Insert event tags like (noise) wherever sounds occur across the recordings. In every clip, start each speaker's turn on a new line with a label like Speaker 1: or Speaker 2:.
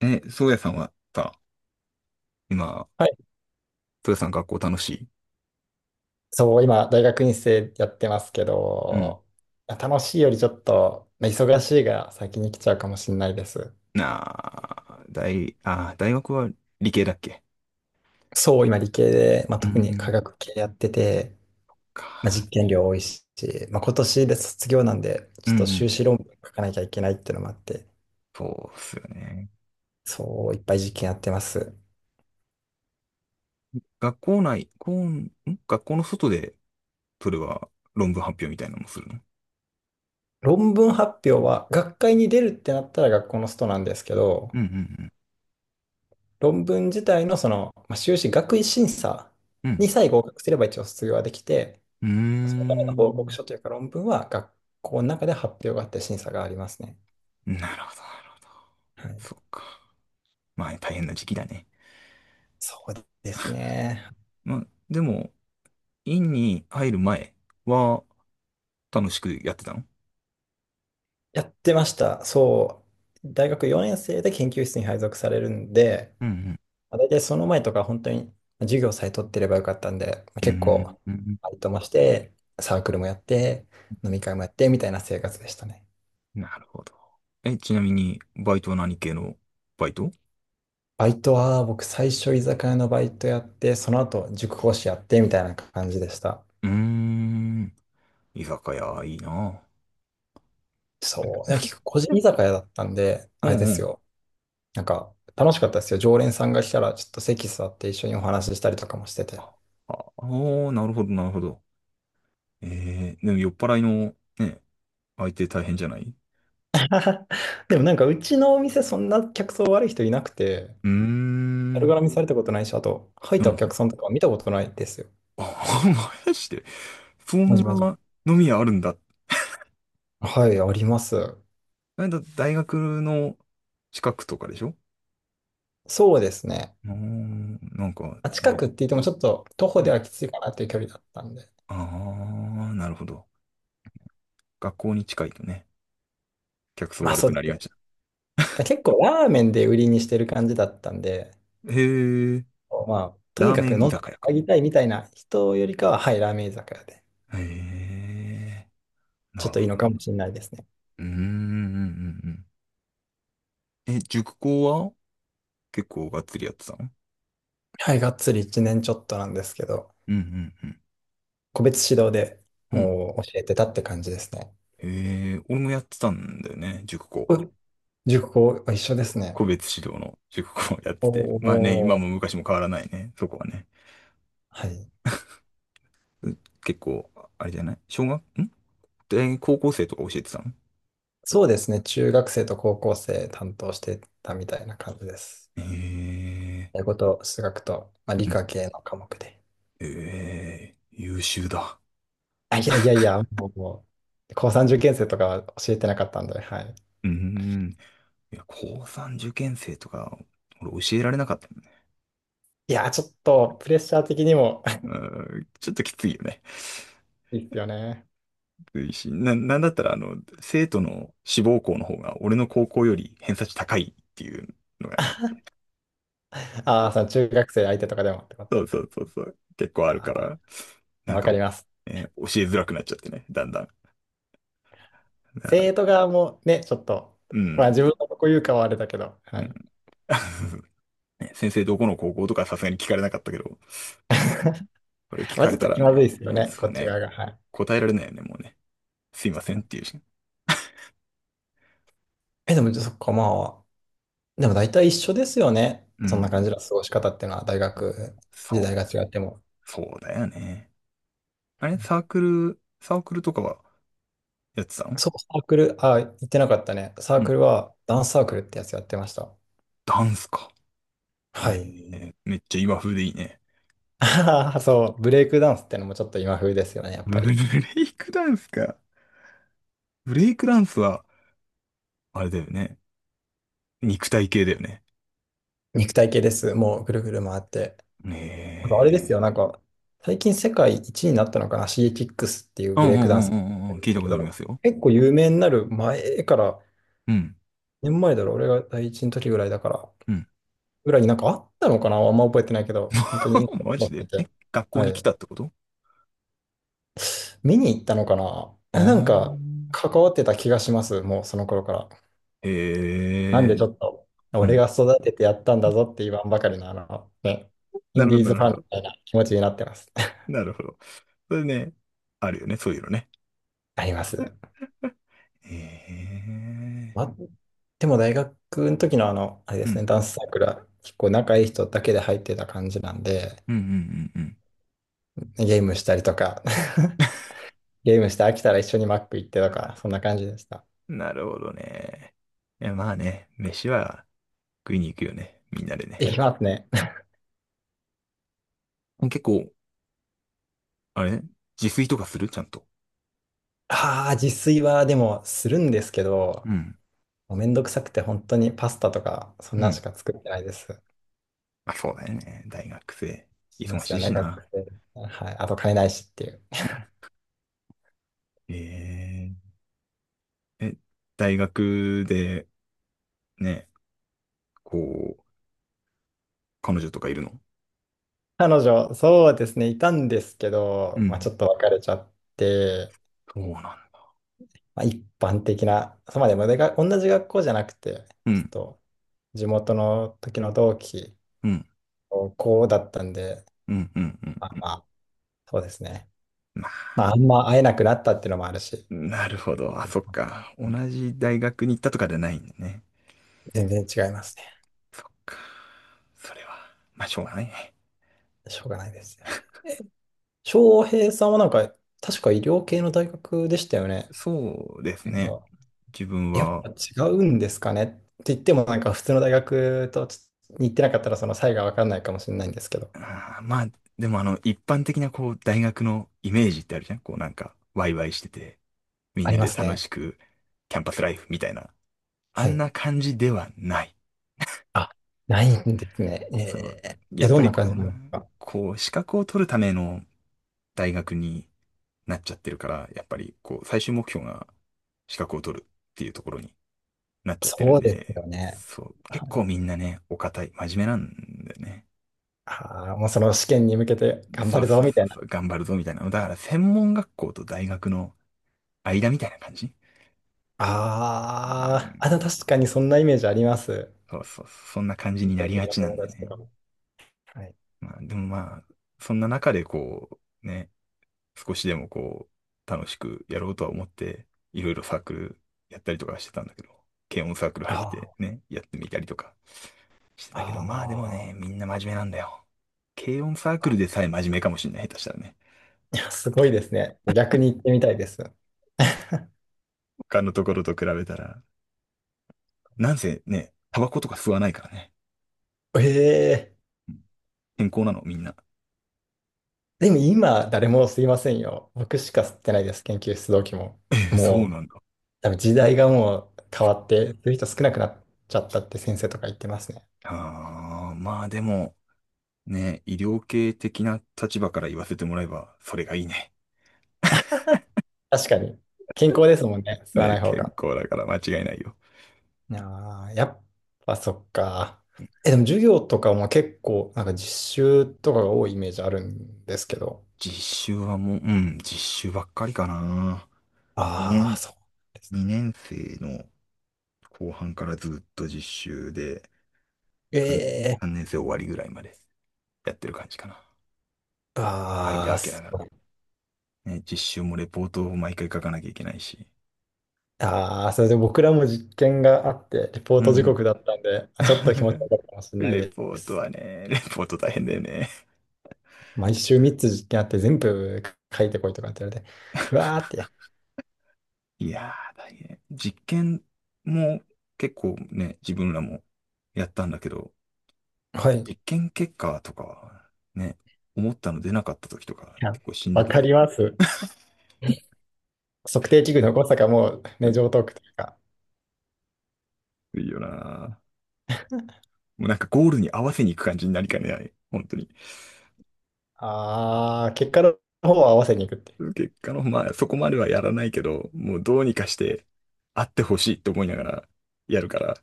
Speaker 1: え、宗谷さんはさ、今、
Speaker 2: はい、
Speaker 1: 宗谷さん学校楽しい？
Speaker 2: そう、今、大学院生やってますけ
Speaker 1: うん。
Speaker 2: ど、楽しいよりちょっと、まあ忙しいが先に来ちゃうかもしれないです。
Speaker 1: なあ、大、あ、大学は理系だっけ？
Speaker 2: そう、今、理系で、まあ、
Speaker 1: う
Speaker 2: 特に科
Speaker 1: ん。
Speaker 2: 学系やってて、まあ、
Speaker 1: か。
Speaker 2: 実験量多いし、まあ、今年で卒業なんで、
Speaker 1: う
Speaker 2: ち
Speaker 1: ん
Speaker 2: ょっ
Speaker 1: う
Speaker 2: と
Speaker 1: ん、
Speaker 2: 修士論文書かなきゃいけないっていうのもあって、
Speaker 1: そうっすよね。
Speaker 2: そう、いっぱい実験やってます。
Speaker 1: 学校内、こうん。学校の外で、それは論文発表みたいなのもするの？
Speaker 2: 論文発表は、学会に出るってなったら学校のストなんですけど、
Speaker 1: うんうん
Speaker 2: 論文自体のその、まあ、修士学位審査
Speaker 1: うん。
Speaker 2: にさえ合格すれば一応卒業はできて、
Speaker 1: う
Speaker 2: そのための報告
Speaker 1: ん。
Speaker 2: 書というか論文は学校の中で発表があって審査がありますね。
Speaker 1: うーん、なるほど、なるほど。
Speaker 2: はい。
Speaker 1: そっか。まあ、大変な時期だね。
Speaker 2: そうですね。
Speaker 1: まあ、でも、院に入る前は楽しくやってたの？う
Speaker 2: やってました。そう。大学4年生で研究室に配属されるんで、
Speaker 1: うん
Speaker 2: まあ大体その前とか本当に授業さえ取ってればよかったんで、まあ
Speaker 1: う
Speaker 2: 結
Speaker 1: ん
Speaker 2: 構、
Speaker 1: うんうん。うん。
Speaker 2: バイトもして、サークルもやって、飲み会もやってみたいな生活でしたね。
Speaker 1: なるほど。え、ちなみに、バイトは何系のバイト？
Speaker 2: バイトは僕最初居酒屋のバイトやって、その後塾講師やってみたいな感じでした。
Speaker 1: うーん、居酒屋、いいな。
Speaker 2: そう。いや、結構個人居酒屋だったんで、
Speaker 1: う
Speaker 2: あれ
Speaker 1: ん
Speaker 2: で
Speaker 1: う
Speaker 2: す
Speaker 1: ん。
Speaker 2: よ。なんか、楽しかったですよ。常連さんが来たら、ちょっと席座って一緒にお話ししたりとかもしてて。
Speaker 1: ああー、なるほど、なるほど。でも酔っ払いの、ね、相手大変じゃない？う
Speaker 2: (laughs) でもなんか、うちのお店、そんな客層悪い人いなくて、
Speaker 1: ー
Speaker 2: 悪
Speaker 1: ん。
Speaker 2: 絡みされたことないし、あと、入っ
Speaker 1: う
Speaker 2: たお
Speaker 1: ん。
Speaker 2: 客さんとか見たことないですよ。
Speaker 1: あ、(laughs) まやして、そん
Speaker 2: まじまじ。
Speaker 1: な飲み屋あるんだ。
Speaker 2: はい、あります。
Speaker 1: なんだ、大学の近くとかでしょ？
Speaker 2: そうですね。
Speaker 1: うーん、なんか
Speaker 2: あ、近
Speaker 1: ね。
Speaker 2: くって言っても、ちょっと徒歩
Speaker 1: う
Speaker 2: で
Speaker 1: ん。
Speaker 2: はきついかなっていう距離だったんで。
Speaker 1: ああ、なるほど。学校に近いとね、客層
Speaker 2: まあ、
Speaker 1: 悪
Speaker 2: そう
Speaker 1: く
Speaker 2: で
Speaker 1: なり
Speaker 2: す
Speaker 1: が
Speaker 2: ね。
Speaker 1: ちだ。
Speaker 2: 結構、ラーメンで売りにしてる感じだったんで、
Speaker 1: へえ。
Speaker 2: まあ、と
Speaker 1: ラ
Speaker 2: に
Speaker 1: ー
Speaker 2: か
Speaker 1: メ
Speaker 2: く
Speaker 1: ン居
Speaker 2: 飲んで
Speaker 1: 酒屋か。
Speaker 2: あげたいみたいな人よりかは、はい、ラーメン居酒屋で、
Speaker 1: へえ、
Speaker 2: ち
Speaker 1: な
Speaker 2: ょっ
Speaker 1: る
Speaker 2: といい
Speaker 1: ほ
Speaker 2: のか
Speaker 1: ど。
Speaker 2: もしれないですね。
Speaker 1: うーん、うん、うんうん。え、塾講は結構がっつりやってたの？
Speaker 2: はい、がっつり1年ちょっとなんですけど、
Speaker 1: うん、うん、う
Speaker 2: 個別指導で
Speaker 1: ん。うん。
Speaker 2: もう教えてたって感じですね。
Speaker 1: へえ、俺もやってたんだよね、塾講。
Speaker 2: お塾校一緒ですね。
Speaker 1: 個別指導の塾講をやっ
Speaker 2: お
Speaker 1: てて。まあね、今
Speaker 2: ー、
Speaker 1: も昔も変わらないね、そこはね。
Speaker 2: はい。
Speaker 1: う結構、あれじゃない？小学んで、高校生とか教えてたの？
Speaker 2: そうですね。中学生と高校生担当してたみたいな感じです。
Speaker 1: へえ、
Speaker 2: 英語と数学と、まあ、理
Speaker 1: うん。
Speaker 2: 科系の科目で。
Speaker 1: ええ、優秀だ。
Speaker 2: あ、いやいやいや、もう高三受験生とかは教えてなかったんで、はい。
Speaker 1: うーん。いや、高3受験生とか、俺教えられなかった。
Speaker 2: いや、ちょっとプレッシャー的にも (laughs)
Speaker 1: うん、ちょっときついよね。
Speaker 2: いいっすよね。
Speaker 1: きついし、なんだったら、生徒の志望校の方が、俺の高校より偏差値高いっていうのがね、
Speaker 2: ああ、その中学生相手とかでもってこ
Speaker 1: そう
Speaker 2: と。
Speaker 1: そうそうそう、結構あるか
Speaker 2: あー、い
Speaker 1: ら、な
Speaker 2: や
Speaker 1: ん
Speaker 2: わ
Speaker 1: か、
Speaker 2: かります。
Speaker 1: 教えづらくなっちゃってね、だんだん。だから、
Speaker 2: 生徒側もね、ちょっと、
Speaker 1: うん、
Speaker 2: まあ自分のとこ言うかはあれだけど、は
Speaker 1: うん。
Speaker 2: い。
Speaker 1: (laughs) ね、先生どこの高校とかさすがに聞かれなかったけど、これ聞
Speaker 2: まあ
Speaker 1: か
Speaker 2: ちょ
Speaker 1: れ
Speaker 2: っ
Speaker 1: た
Speaker 2: と
Speaker 1: ら
Speaker 2: 気まず
Speaker 1: ね、
Speaker 2: いですよね、こ
Speaker 1: そう
Speaker 2: っち
Speaker 1: ね、
Speaker 2: 側が。はい。
Speaker 1: 答えられないよね、もうね。すい
Speaker 2: で
Speaker 1: ま
Speaker 2: す
Speaker 1: せ
Speaker 2: よ
Speaker 1: んっていう
Speaker 2: ね。
Speaker 1: し。
Speaker 2: え、でも、そっか、まあ、でも大体一緒ですよね。
Speaker 1: う
Speaker 2: そんな感
Speaker 1: ん、
Speaker 2: じの過ごし方っていうのは、大学時代が
Speaker 1: そ
Speaker 2: 違っても。
Speaker 1: う、そうだよね。あ
Speaker 2: は
Speaker 1: れ、
Speaker 2: い。
Speaker 1: サークルとかはやってたの？
Speaker 2: そう、サークル、あ、言ってなかったね。サ
Speaker 1: う
Speaker 2: ー
Speaker 1: ん。
Speaker 2: クルは、ダンスサークルってやつやってました。
Speaker 1: ダンスか。
Speaker 2: はい。
Speaker 1: めっちゃ今風でいいね。
Speaker 2: (laughs) あはは、そう、ブレイクダンスってのもちょっと今風ですよね、やっ
Speaker 1: ブ
Speaker 2: ぱり。
Speaker 1: レイクダンスか。ブレイクダンスは、あれだよね。肉体系だよね。
Speaker 2: 肉体系です。もうぐるぐる回って。
Speaker 1: え
Speaker 2: あとあれですよ、なんか、最近世界一になったのかな、シーキックスっていう
Speaker 1: ー。うん
Speaker 2: ブレイ
Speaker 1: う
Speaker 2: ク
Speaker 1: んう
Speaker 2: ダン
Speaker 1: ん
Speaker 2: サーやっ
Speaker 1: うん
Speaker 2: て
Speaker 1: う
Speaker 2: る
Speaker 1: ん、
Speaker 2: んで
Speaker 1: 聞い
Speaker 2: す
Speaker 1: たこ
Speaker 2: け
Speaker 1: とありま
Speaker 2: ど、
Speaker 1: すよ。
Speaker 2: 結構有名になる前から、
Speaker 1: うん。
Speaker 2: 年前だろ、俺が第一の時ぐらいだから、
Speaker 1: うん。
Speaker 2: ぐらいになんかあったのかな、あんま覚えてないけど、本当に、
Speaker 1: (laughs) マジで、え、学校
Speaker 2: は
Speaker 1: に来
Speaker 2: い。
Speaker 1: たってこと？
Speaker 2: 見に行ったのかな、
Speaker 1: ああ
Speaker 2: なんか、
Speaker 1: ー。
Speaker 2: 関わってた気がします、もうその頃から。
Speaker 1: え
Speaker 2: なんでち
Speaker 1: え
Speaker 2: ょっと、
Speaker 1: ー。う
Speaker 2: 俺
Speaker 1: ん。
Speaker 2: が育ててやったんだぞって言わんばかりの、あの、ね、イ
Speaker 1: な
Speaker 2: ン
Speaker 1: る
Speaker 2: デ
Speaker 1: ほ
Speaker 2: ィー
Speaker 1: ど、な
Speaker 2: ズ
Speaker 1: る
Speaker 2: フ
Speaker 1: ほ
Speaker 2: ァンみ
Speaker 1: ど。
Speaker 2: たいな気持ちになってます。(laughs)
Speaker 1: なるほど。それね、あるよね、そういうのね。
Speaker 2: あります。
Speaker 1: え
Speaker 2: ま
Speaker 1: え
Speaker 2: あ、でも大学の時のあ
Speaker 1: ー。
Speaker 2: の、あれで
Speaker 1: う
Speaker 2: す
Speaker 1: ん。
Speaker 2: ね、ダンスサークルは結構仲いい人だけで入ってた感じなんで、
Speaker 1: うんうんうん
Speaker 2: ゲームしたりとか、(laughs) ゲームして飽きたら一緒にマック行ってとか、そんな感じでした。
Speaker 1: うん。なるほどね。いや、まあね、飯は、食いに行くよね。みんなでね。
Speaker 2: いきますね。
Speaker 1: 結構、あれ、自炊とかするちゃんと？
Speaker 2: ああ、自炊はでもするんですけど、
Speaker 1: うん。
Speaker 2: もうめんどくさくて本当にパスタとか、そん
Speaker 1: う
Speaker 2: なんし
Speaker 1: ん。
Speaker 2: か作ってないです。
Speaker 1: あ、そうだよね。大学生。
Speaker 2: しま
Speaker 1: 忙
Speaker 2: す
Speaker 1: し
Speaker 2: よ
Speaker 1: いし
Speaker 2: ね、
Speaker 1: な。
Speaker 2: 学生。はい。あと金ないしっていう。
Speaker 1: うん。ええ、大学で、ね、こう、彼女とかいるの？
Speaker 2: 彼女、そうですね、いたんですけ
Speaker 1: う
Speaker 2: ど、まあ、
Speaker 1: ん。
Speaker 2: ちょっと別れちゃって、
Speaker 1: そうなんだ。
Speaker 2: まあ、一般的な、そうまあでもでが同じ学校じゃなくて、
Speaker 1: う
Speaker 2: ちょっ
Speaker 1: ん。
Speaker 2: と地元の時の同期、
Speaker 1: うん。
Speaker 2: 高校だったんで、
Speaker 1: うん。うん。
Speaker 2: まあ、
Speaker 1: うん。
Speaker 2: まあ、そうですね。
Speaker 1: まあ、
Speaker 2: まあ、あんま会えなくなったっていうのもあるし、
Speaker 1: なるほど。あ、そっか。同じ大学に行ったとかじゃないんだね。
Speaker 2: 全然違いますね。
Speaker 1: そっか。それは、まあ、しょうがないね。
Speaker 2: しょうがないですよね。翔平さんはなんか、確か医療系の大学でしたよね。
Speaker 1: そうです
Speaker 2: なん
Speaker 1: ね。
Speaker 2: か、
Speaker 1: 自分
Speaker 2: やっ
Speaker 1: は、
Speaker 2: ぱ違うんですかねって言っても、なんか普通の大学とちょっとに行ってなかったら、その差異が分かんないかもしれないんですけど、
Speaker 1: あー、まあ、でも一般的なこう、大学のイメージってあるじゃん、こうなんか、ワイワイしてて、み
Speaker 2: あ
Speaker 1: ん
Speaker 2: り
Speaker 1: な
Speaker 2: ま
Speaker 1: で
Speaker 2: す
Speaker 1: 楽
Speaker 2: ね。
Speaker 1: しく、キャンパスライフみたいな。あ
Speaker 2: は
Speaker 1: ん
Speaker 2: い。
Speaker 1: な感じではない。
Speaker 2: あ、ないんですね。
Speaker 1: そう。やっ
Speaker 2: ど
Speaker 1: ぱ
Speaker 2: ん
Speaker 1: り
Speaker 2: な
Speaker 1: こ
Speaker 2: 感じ
Speaker 1: う、
Speaker 2: なのか。
Speaker 1: 資格を取るための大学になっちゃってるから、やっぱりこう、最終目標が資格を取るっていうところになっちゃってる
Speaker 2: そ
Speaker 1: ん
Speaker 2: うです
Speaker 1: で、
Speaker 2: よね。
Speaker 1: そう。結
Speaker 2: は
Speaker 1: 構
Speaker 2: い、
Speaker 1: みんなね、お堅い、真面目なんだよね。
Speaker 2: ああ、もうその試験に向けて頑張
Speaker 1: そう
Speaker 2: る
Speaker 1: そ
Speaker 2: ぞ、
Speaker 1: う
Speaker 2: みた
Speaker 1: そう
Speaker 2: いな。
Speaker 1: そう、頑張るぞみたいな。だから、専門学校と大学の間みたいな感じ？う
Speaker 2: ああ、あ、で
Speaker 1: ん。
Speaker 2: も確かにそんなイメージあります。
Speaker 1: そうそう、そんな感じ
Speaker 2: 医
Speaker 1: にな
Speaker 2: 療
Speaker 1: りが
Speaker 2: 系の
Speaker 1: ちな
Speaker 2: 友
Speaker 1: んだよ
Speaker 2: 達と
Speaker 1: ね。
Speaker 2: かも。はい。
Speaker 1: まあ、でもまあ、そんな中でこう、ね、少しでもこう、楽しくやろうとは思って、いろいろサークルやったりとかしてたんだけど、軽音サークル入っ
Speaker 2: あ
Speaker 1: てね、やってみたりとかして
Speaker 2: あ、
Speaker 1: たけど、まあでも
Speaker 2: あ
Speaker 1: ね、
Speaker 2: あ、
Speaker 1: みんな真面目なんだよ。軽音サークルでさえ真面目かもしれない、下手したらね。
Speaker 2: いや、すごいですね。逆に行ってみたいです。
Speaker 1: 他のところと比べたら。なんせね、タバコとか吸わないからね。
Speaker 2: ええ、
Speaker 1: うん。健康なの、みんな。
Speaker 2: でも今、誰もすいませんよ。僕しか吸ってないです、研究室同期も。
Speaker 1: ええ、そう
Speaker 2: もう、
Speaker 1: なんだ。
Speaker 2: 多分時代がもう変わって、そういう人少なくなっちゃったって先生とか言ってますね。
Speaker 1: ああ、まあでも、ね、医療系的な立場から言わせてもらえば、それがいいね。
Speaker 2: 確かに。健康ですもんね、
Speaker 1: (laughs)
Speaker 2: 吸わ
Speaker 1: ね、
Speaker 2: ない方
Speaker 1: 健
Speaker 2: が。
Speaker 1: 康だから間違いないよ。
Speaker 2: ああ、やっぱそっか。え、でも授業とかも結構、なんか実習とかが多いイメージあるんですけど。
Speaker 1: 実習はもう、うん、実習ばっかりかな。2
Speaker 2: ああ、
Speaker 1: 年、
Speaker 2: そうです
Speaker 1: 2年生の後半からずっと実習で、3、
Speaker 2: ね。
Speaker 1: 3
Speaker 2: ええ、
Speaker 1: 年生終わりぐらいまでやってる感じかな。間
Speaker 2: ああ、
Speaker 1: 空けな
Speaker 2: す
Speaker 1: がら。
Speaker 2: ごい。
Speaker 1: ね、実習もレポートを毎回書かなきゃいけないし。
Speaker 2: ああ、それで僕らも実験があって、リポー
Speaker 1: う
Speaker 2: ト時
Speaker 1: ん
Speaker 2: 刻だったんで、
Speaker 1: う
Speaker 2: あ、ちょっと気持ち悪
Speaker 1: ん。
Speaker 2: かったかもしれ
Speaker 1: (laughs)
Speaker 2: ない
Speaker 1: レ
Speaker 2: で
Speaker 1: ポート
Speaker 2: す。
Speaker 1: はね、レポート大変だよね。
Speaker 2: 毎週3つ実験あって、全部書いてこいとかって言われて、ふわーって。
Speaker 1: いやー、大変。実験も結構ね、自分らもやったんだけど、
Speaker 2: はい。
Speaker 1: 実
Speaker 2: い
Speaker 1: 験結果とかはね、思ったの出なかった時とか
Speaker 2: や、
Speaker 1: 結構しんど
Speaker 2: わ
Speaker 1: く
Speaker 2: か
Speaker 1: ない？
Speaker 2: ります。測定器具の誤差がもう
Speaker 1: う
Speaker 2: ね、
Speaker 1: ん。
Speaker 2: 常套句というか、
Speaker 1: いいよなー。もうなんかゴールに合わせに行く感じになりかねない。本当に。
Speaker 2: ああ、結果の方を合わせに行くって。で
Speaker 1: 結果の、まあそこまではやらないけど、もうどうにかしてあってほしいと思いながらやるから、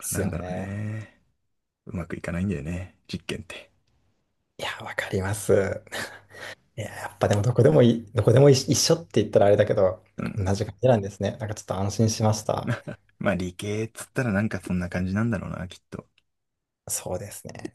Speaker 2: す
Speaker 1: なん
Speaker 2: よ
Speaker 1: だろう
Speaker 2: ね。
Speaker 1: ね。うまくいかないんだよね。実験って。
Speaker 2: いや、わかります。いや、やっぱでもどこでもいい、どこでもい一緒って言ったらあれだけど、
Speaker 1: う
Speaker 2: 同
Speaker 1: ん。
Speaker 2: じ感じなんですね。なんかちょっと安心しました。
Speaker 1: まあ理系っつったらなんかそんな感じなんだろうな、きっと。
Speaker 2: そうですね。